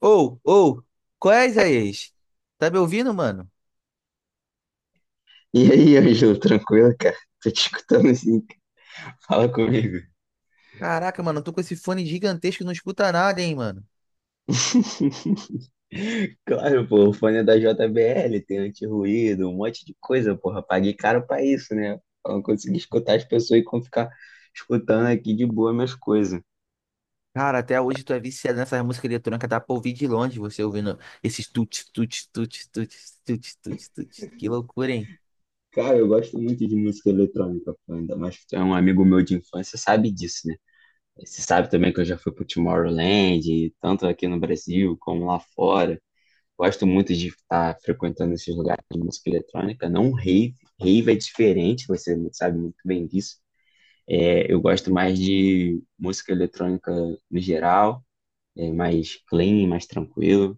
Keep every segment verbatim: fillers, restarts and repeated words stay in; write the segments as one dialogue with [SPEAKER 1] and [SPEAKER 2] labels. [SPEAKER 1] Ou, ou, qual é, Isaías? Tá me ouvindo, mano?
[SPEAKER 2] E aí, Ângelo, tranquilo, cara? Tô te escutando assim, fala comigo.
[SPEAKER 1] Caraca, mano, eu tô com esse fone gigantesco, e não escuta nada, hein, mano?
[SPEAKER 2] Claro, pô, o fone é da J B L, tem anti-ruído, um monte de coisa, porra. Paguei caro pra isso, né? Pra não conseguir escutar as pessoas e como ficar escutando aqui de boa minhas coisas.
[SPEAKER 1] Cara, até hoje tu é viciado nessa música eletrônica, dá pra ouvir de longe você ouvindo esses tut, tut, tut, tut, tut, tut, tut. Que loucura, hein?
[SPEAKER 2] Cara, eu gosto muito de música eletrônica, pô, ainda mais que tu é um amigo meu de infância, sabe disso, né? Você sabe também que eu já fui pro Tomorrowland, tanto aqui no Brasil como lá fora. Gosto muito de estar frequentando esses lugares de música eletrônica, não rave. Rave é diferente, você sabe muito bem disso. É, eu gosto mais de música eletrônica no geral, é mais clean, mais tranquilo.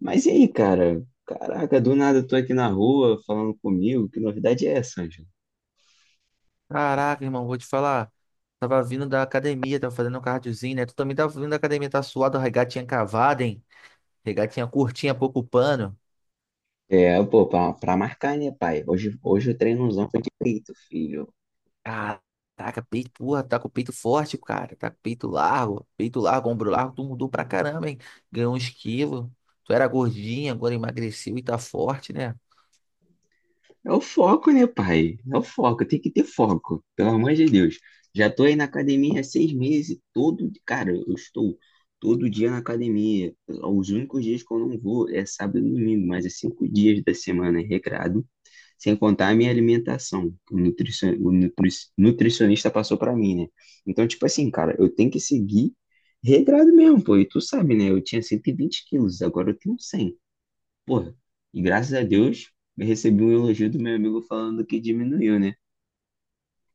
[SPEAKER 2] Mas e aí, cara? Caraca, do nada eu tô aqui na rua falando comigo. Que novidade é essa, Ângelo?
[SPEAKER 1] Caraca, irmão, vou te falar. Tava vindo da academia, tava fazendo um cardiozinho, né? Tu também tava vindo da academia, tá suado, a regatinha cavada, hein? Regatinha curtinha, pouco pano.
[SPEAKER 2] É, pô, pra, pra marcar, né, pai? Hoje, hoje o treinozão foi de peito, filho.
[SPEAKER 1] Caraca, peito, porra, tá com o peito forte, cara. Tá com o peito largo, peito largo, ombro largo. Tu mudou pra caramba, hein? Ganhou uns quilos. Tu era gordinha, agora emagreceu e tá forte, né?
[SPEAKER 2] É o foco, né, pai? É o foco, tem que ter foco, pelo amor de Deus. Já tô aí na academia há seis meses, todo, cara, eu estou todo dia na academia. Os únicos dias que eu não vou é sábado e domingo, mas é cinco dias da semana é recrado, sem contar a minha alimentação, que o, nutricion... o nutri- nutricionista passou pra mim, né? Então, tipo assim, cara, eu tenho que seguir regrado mesmo, pô, e tu sabe, né? Eu tinha cento e vinte quilos, agora eu tenho cem. Porra, e graças a Deus eu recebi um elogio do meu amigo falando que diminuiu, né?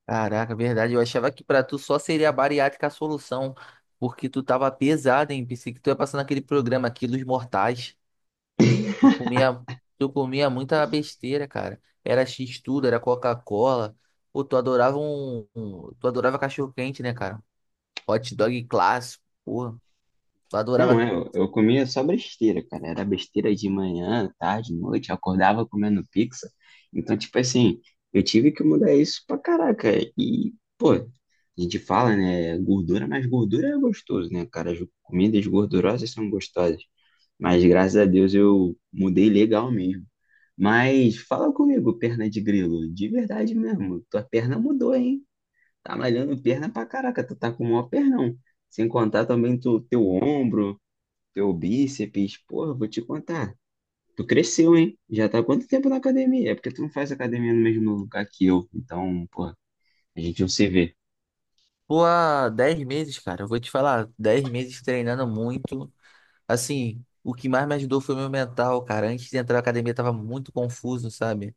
[SPEAKER 1] Caraca, verdade. Eu achava que pra tu só seria a bariátrica a solução, porque tu tava pesada, hein? Pensei que tu ia passar naquele programa Quilos Mortais. Tu comia, tu comia muita besteira, cara. Era X-tudo, era Coca-Cola. Pô, tu adorava um, um- Tu adorava cachorro-quente, né, cara? Hot dog clássico, porra. Eu
[SPEAKER 2] Não,
[SPEAKER 1] adorava.
[SPEAKER 2] é, eu, eu comia só besteira, cara. Era besteira de manhã, tarde, noite, eu acordava comendo pizza. Então, tipo assim, eu tive que mudar isso pra caraca. E, pô, a gente fala, né, gordura, mas gordura é gostoso, né, cara? As comidas gordurosas são gostosas. Mas graças a Deus eu mudei legal mesmo. Mas fala comigo, perna de grilo, de verdade mesmo, tua perna mudou, hein? Tá malhando perna pra caraca, tu tá com o maior pernão. Sem contar também tu, teu ombro, teu bíceps. Porra, vou te contar. Tu cresceu, hein? Já tá há quanto tempo na academia? É porque tu não faz academia no mesmo lugar que eu. Então, porra, a gente não se vê.
[SPEAKER 1] Pô, há dez meses, cara. Eu vou te falar, dez meses treinando muito. Assim, o que mais me ajudou foi o meu mental, cara. Antes de entrar na academia, eu tava muito confuso, sabe?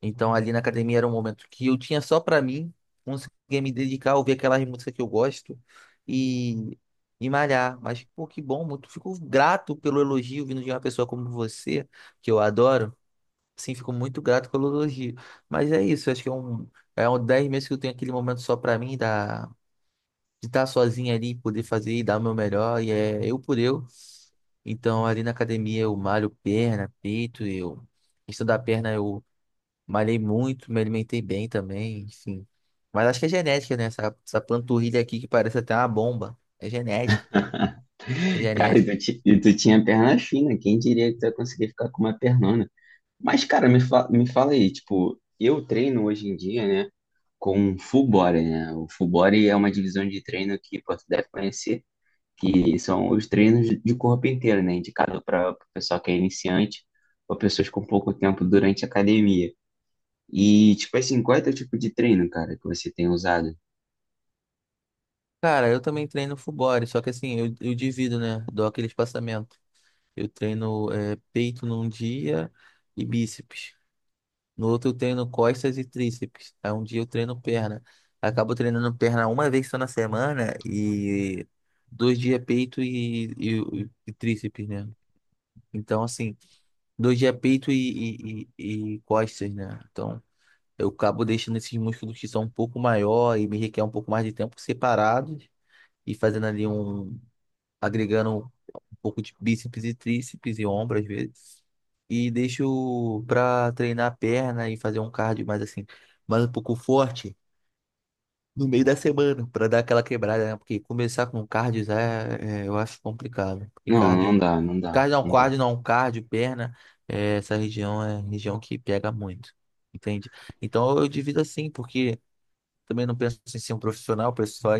[SPEAKER 1] Então, ali na academia era um momento que eu tinha só pra mim, conseguia me dedicar, ouvir aquelas músicas que eu gosto e, e malhar. Mas, pô, que bom, muito. Fico grato pelo elogio vindo de uma pessoa como você, que eu adoro. Sim, fico muito grato pelo elogio. Mas é isso, acho que é um. É um dez meses que eu tenho aquele momento só pra mim, da de estar sozinho ali, poder fazer e dar o meu melhor, e é eu por eu. Então, ali na academia eu malho perna, peito, eu... Questão da perna eu malhei muito, me alimentei bem também, enfim. Mas acho que é genética, né? Essa, essa panturrilha aqui que parece até uma bomba. É genética, cara. É
[SPEAKER 2] Cara, e
[SPEAKER 1] genética.
[SPEAKER 2] tu, ti- e tu tinha perna fina, quem diria que tu ia conseguir ficar com uma pernona? Mas, cara, me, fa me fala aí, tipo, eu treino hoje em dia, né, com full body, né? O full body é uma divisão de treino que pô, tu deve conhecer que são os treinos de corpo inteiro, né? Indicado para o pessoal que é iniciante ou pessoas com pouco tempo durante a academia. E, tipo assim, qual é teu tipo de treino, cara, que você tem usado?
[SPEAKER 1] Cara, eu também treino full body, só que assim, eu, eu divido, né? Dou aquele espaçamento. Eu treino é, peito num dia e bíceps. No outro eu treino costas e tríceps. Aí um dia eu treino perna. Acabo treinando perna uma vez só na semana e dois dias peito e, e, e tríceps, né? Então, assim, dois dias peito e, e, e, e costas, né? Então, eu acabo deixando esses músculos que são um pouco maior e me requer um pouco mais de tempo separados e fazendo ali um, agregando um pouco de bíceps e tríceps e ombro às vezes. E deixo pra treinar a perna e fazer um cardio mais assim, mais um pouco forte no meio da semana, pra dar aquela quebrada, né? Porque começar com cardio já é, é, eu acho complicado. Porque
[SPEAKER 2] Não, não
[SPEAKER 1] cardio,
[SPEAKER 2] dá, não dá,
[SPEAKER 1] cardio não,
[SPEAKER 2] não dá.
[SPEAKER 1] cardio não, cardio, perna, é, essa região é região que pega muito, entende? Então eu divido assim, porque também não penso em ser um profissional, penso só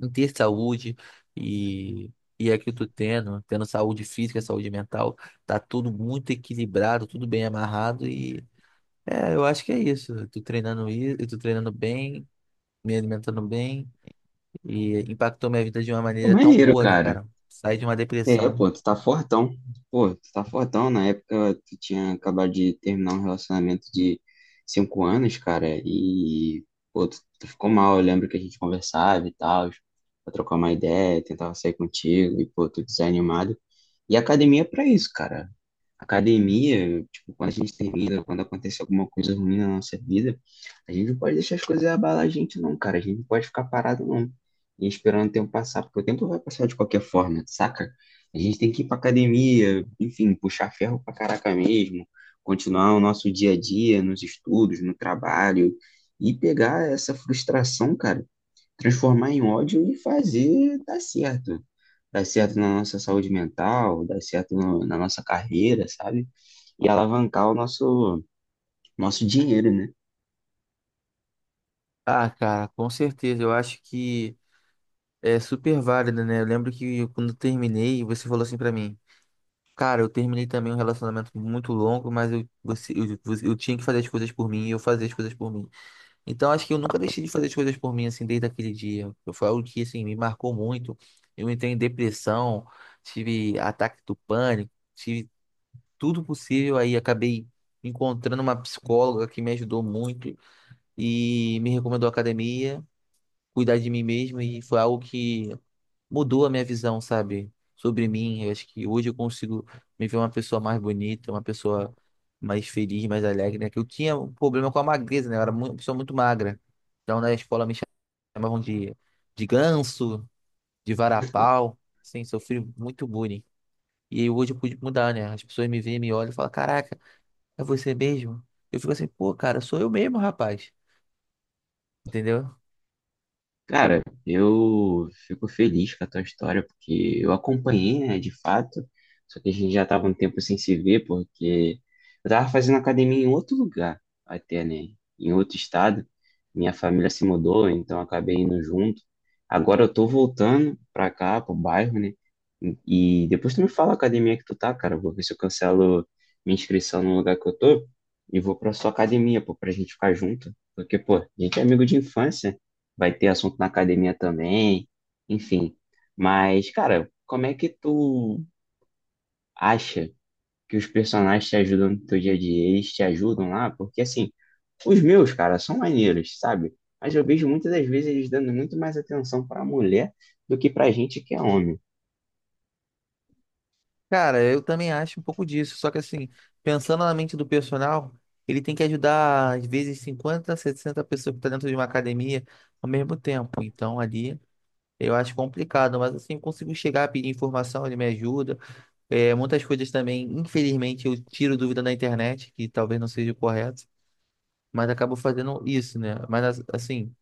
[SPEAKER 1] em ter saúde e, e é que eu tô tendo, tendo saúde física, saúde mental, tá tudo muito equilibrado, tudo bem amarrado e é, eu acho que é isso. Eu tô treinando isso, eu tô treinando bem, me alimentando bem e impactou minha vida de uma
[SPEAKER 2] Pô,
[SPEAKER 1] maneira tão
[SPEAKER 2] maneiro,
[SPEAKER 1] boa, né,
[SPEAKER 2] cara.
[SPEAKER 1] cara? Saí de uma
[SPEAKER 2] É,
[SPEAKER 1] depressão.
[SPEAKER 2] pô, tu tá fortão. Pô, tu tá fortão. Na época, tu tinha acabado de terminar um relacionamento de cinco anos, cara, e, pô, tu, tu ficou mal. Eu lembro que a gente conversava e tal, pra trocar uma ideia, tentava sair contigo, e, pô, tu desanimado. E a academia é pra isso, cara. Academia, tipo, quando a gente termina, quando acontece alguma coisa ruim na nossa vida, a gente não pode deixar as coisas abalar a gente, não, cara. A gente não pode ficar parado, não. E esperando o tempo passar, porque o tempo vai passar de qualquer forma, saca? A gente tem que ir pra academia, enfim, puxar ferro pra caraca mesmo, continuar o nosso dia a dia, nos estudos, no trabalho, e pegar essa frustração, cara, transformar em ódio e fazer dar certo dar certo na nossa saúde mental, dar certo no- na nossa carreira, sabe? E alavancar o nosso, nosso dinheiro, né?
[SPEAKER 1] Ah, cara, com certeza, eu acho que é super válido, né? Eu lembro que quando eu terminei, você falou assim pra mim. Cara, eu terminei também um relacionamento muito longo, mas eu, você, eu, você- eu tinha que fazer as coisas por mim e eu fazia as coisas por mim. Então, acho que eu nunca deixei de fazer as coisas por mim, assim, desde aquele dia. Foi algo que, assim, me marcou muito. Eu entrei em depressão, tive ataque do pânico, tive tudo possível. Aí, acabei encontrando uma psicóloga que me ajudou muito e me recomendou a academia, cuidar de mim mesmo. E foi algo que mudou a minha visão, sabe, sobre mim. Eu acho que hoje eu consigo me ver uma pessoa mais bonita, uma pessoa mais feliz, mais alegre, né? Que eu tinha um problema com a magreza, né? Eu era mu- uma pessoa muito magra. Então, na escola me chamavam de, de ganso, de varapau, assim, sofri muito bullying. E aí hoje eu pude mudar, né? As pessoas me veem, me olham e falam, caraca, é você mesmo? Eu fico assim, pô, cara, sou eu mesmo, rapaz. Entendeu?
[SPEAKER 2] Cara, eu fico feliz com a tua história, porque eu acompanhei, né, de fato, só que a gente já tava um tempo sem se ver, porque eu tava fazendo academia em outro lugar, até, né, em outro estado, minha família se mudou, então eu acabei indo junto, agora eu tô voltando pra cá, pro bairro, né, e depois tu me fala a academia que tu tá, cara, eu vou ver se eu cancelo minha inscrição no lugar que eu tô, e vou pra sua academia, pô, pra gente ficar junto, porque, pô, a gente é amigo de infância, vai ter assunto na academia também, enfim. Mas, cara, como é que tu acha que os personagens te ajudam no teu dia a dia? Eles te ajudam lá? Porque, assim, os meus, cara, são maneiros, sabe? Mas eu vejo muitas das vezes eles dando muito mais atenção pra mulher do que pra gente que é homem.
[SPEAKER 1] Cara, eu também acho um pouco disso, só que assim, pensando na mente do personal, ele tem que ajudar às vezes cinquenta sessenta pessoas que estão dentro de uma academia ao mesmo tempo. Então ali eu acho complicado, mas assim, eu consigo chegar a pedir informação, ele me ajuda. É, muitas coisas também, infelizmente, eu tiro dúvida na internet, que talvez não seja o correto, mas acabo fazendo isso, né? Mas as- assim,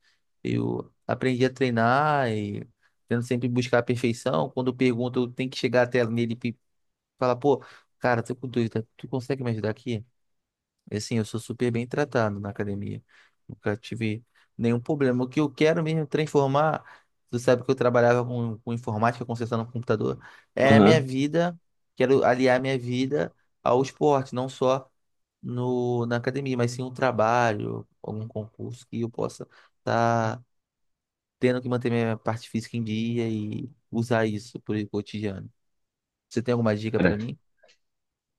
[SPEAKER 1] eu aprendi a treinar e tento sempre buscar a perfeição. Quando eu pergunto, eu tenho que chegar até nele. Fala, pô, cara, tô com dúvida, tu consegue me ajudar aqui? E, assim, eu sou super bem tratado na academia. Nunca tive nenhum problema. O que eu quero mesmo é transformar, tu sabe que eu trabalhava com, com informática, consertando computador, é a minha
[SPEAKER 2] Aham.
[SPEAKER 1] vida, quero aliar minha vida ao esporte, não só no, na academia, mas sim um trabalho, algum concurso que eu possa estar tendo que manter minha parte física em dia e usar isso pro cotidiano. Você tem alguma dica para
[SPEAKER 2] Cara,
[SPEAKER 1] mim?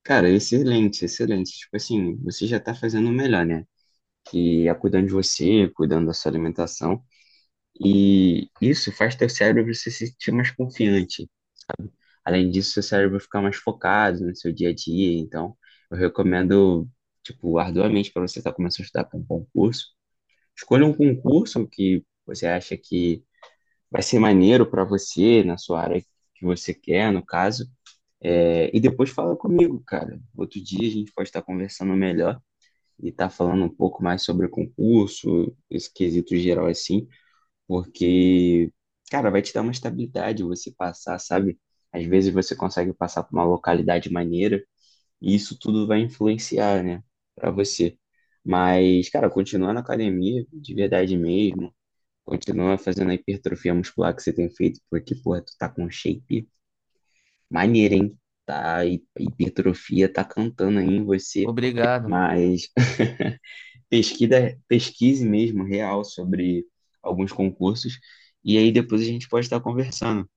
[SPEAKER 2] cara, excelente, excelente. Tipo assim, você já tá fazendo o melhor, né? Que é cuidando de você, cuidando da sua alimentação. E isso faz teu cérebro se sentir mais confiante. Além disso, seu cérebro fica mais focado no seu dia a dia. Então, eu recomendo, tipo, arduamente para você estar começando a estudar para um concurso. Escolha um concurso que você acha que vai ser maneiro para você, na sua área que você quer, no caso. É, e depois fala comigo, cara. Outro dia a gente pode estar conversando melhor e estar falando um pouco mais sobre o concurso, esse quesito geral assim. Porque, cara, vai te dar uma estabilidade você passar, sabe? Às vezes você consegue passar por uma localidade maneira e isso tudo vai influenciar, né, pra você. Mas, cara, continua na academia de verdade mesmo, continua fazendo a hipertrofia muscular que você tem feito, porque, porra, tu tá com um shape maneiro, hein? Tá, a hi- a hipertrofia tá cantando aí em você,
[SPEAKER 1] Obrigado.
[SPEAKER 2] mas pesquisa, pesquise mesmo, real, sobre alguns concursos, e aí depois a gente pode estar conversando.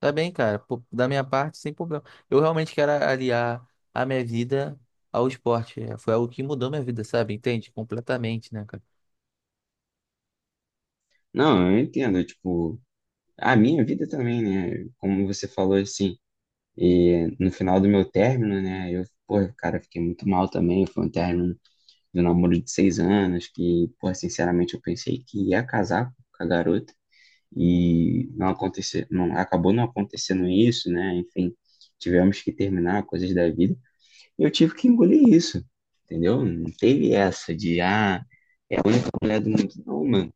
[SPEAKER 1] Tá bem, cara. Pô, da minha parte, sem problema. Eu realmente quero aliar a minha vida ao esporte. É, foi algo que mudou minha vida, sabe? Entende? Completamente, né, cara?
[SPEAKER 2] Não, eu entendo, tipo, a minha vida também, né? Como você falou assim, e no final do meu término, né? Eu, pô, cara, fiquei muito mal também. Foi um término de um namoro de seis anos, que, pô, sinceramente eu pensei que ia casar com a garota, e não aconteceu, não, acabou não acontecendo isso, né? Enfim, tivemos que terminar coisas da vida. Eu tive que engolir isso, entendeu? Não teve essa de, ah, é a única mulher do mundo. Não, mano.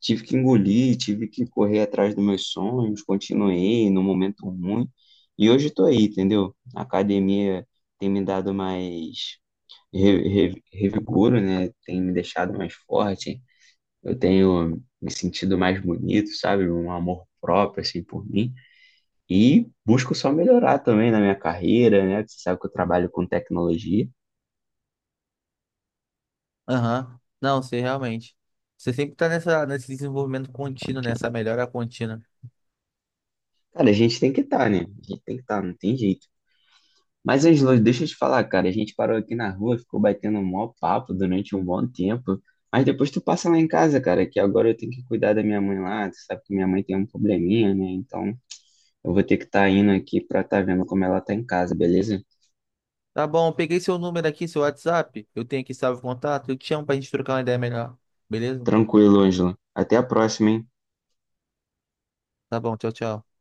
[SPEAKER 2] Tive que engolir, tive que correr atrás dos meus sonhos, continuei no momento ruim. E hoje tô aí, entendeu? A academia tem me dado mais re- re- revigoro, né? Tem me deixado mais forte. Eu tenho me sentido mais bonito, sabe? Um amor próprio, assim, por mim. E busco só melhorar também na minha carreira, né? Você sabe que eu trabalho com tecnologia.
[SPEAKER 1] Aham. Não, você realmente. Você sempre tá nessa, nesse desenvolvimento contínuo, nessa melhora contínua.
[SPEAKER 2] Cara, a gente tem que estar, né? A gente tem que estar, não tem jeito. Mas, Angelo, deixa eu te falar, cara. A gente parou aqui na rua, ficou batendo um maior papo durante um bom tempo. Mas depois tu passa lá em casa, cara, que agora eu tenho que cuidar da minha mãe lá. Tu sabe que minha mãe tem um probleminha, né? Então eu vou ter que estar indo aqui pra estar vendo como ela tá em casa, beleza?
[SPEAKER 1] Tá bom, eu peguei seu número aqui, seu WhatsApp. Eu tenho aqui salvo contato. Eu te chamo pra gente trocar uma ideia melhor. Beleza?
[SPEAKER 2] Tranquilo, Ângelo. Até a próxima, hein?
[SPEAKER 1] Tá bom, tchau, tchau.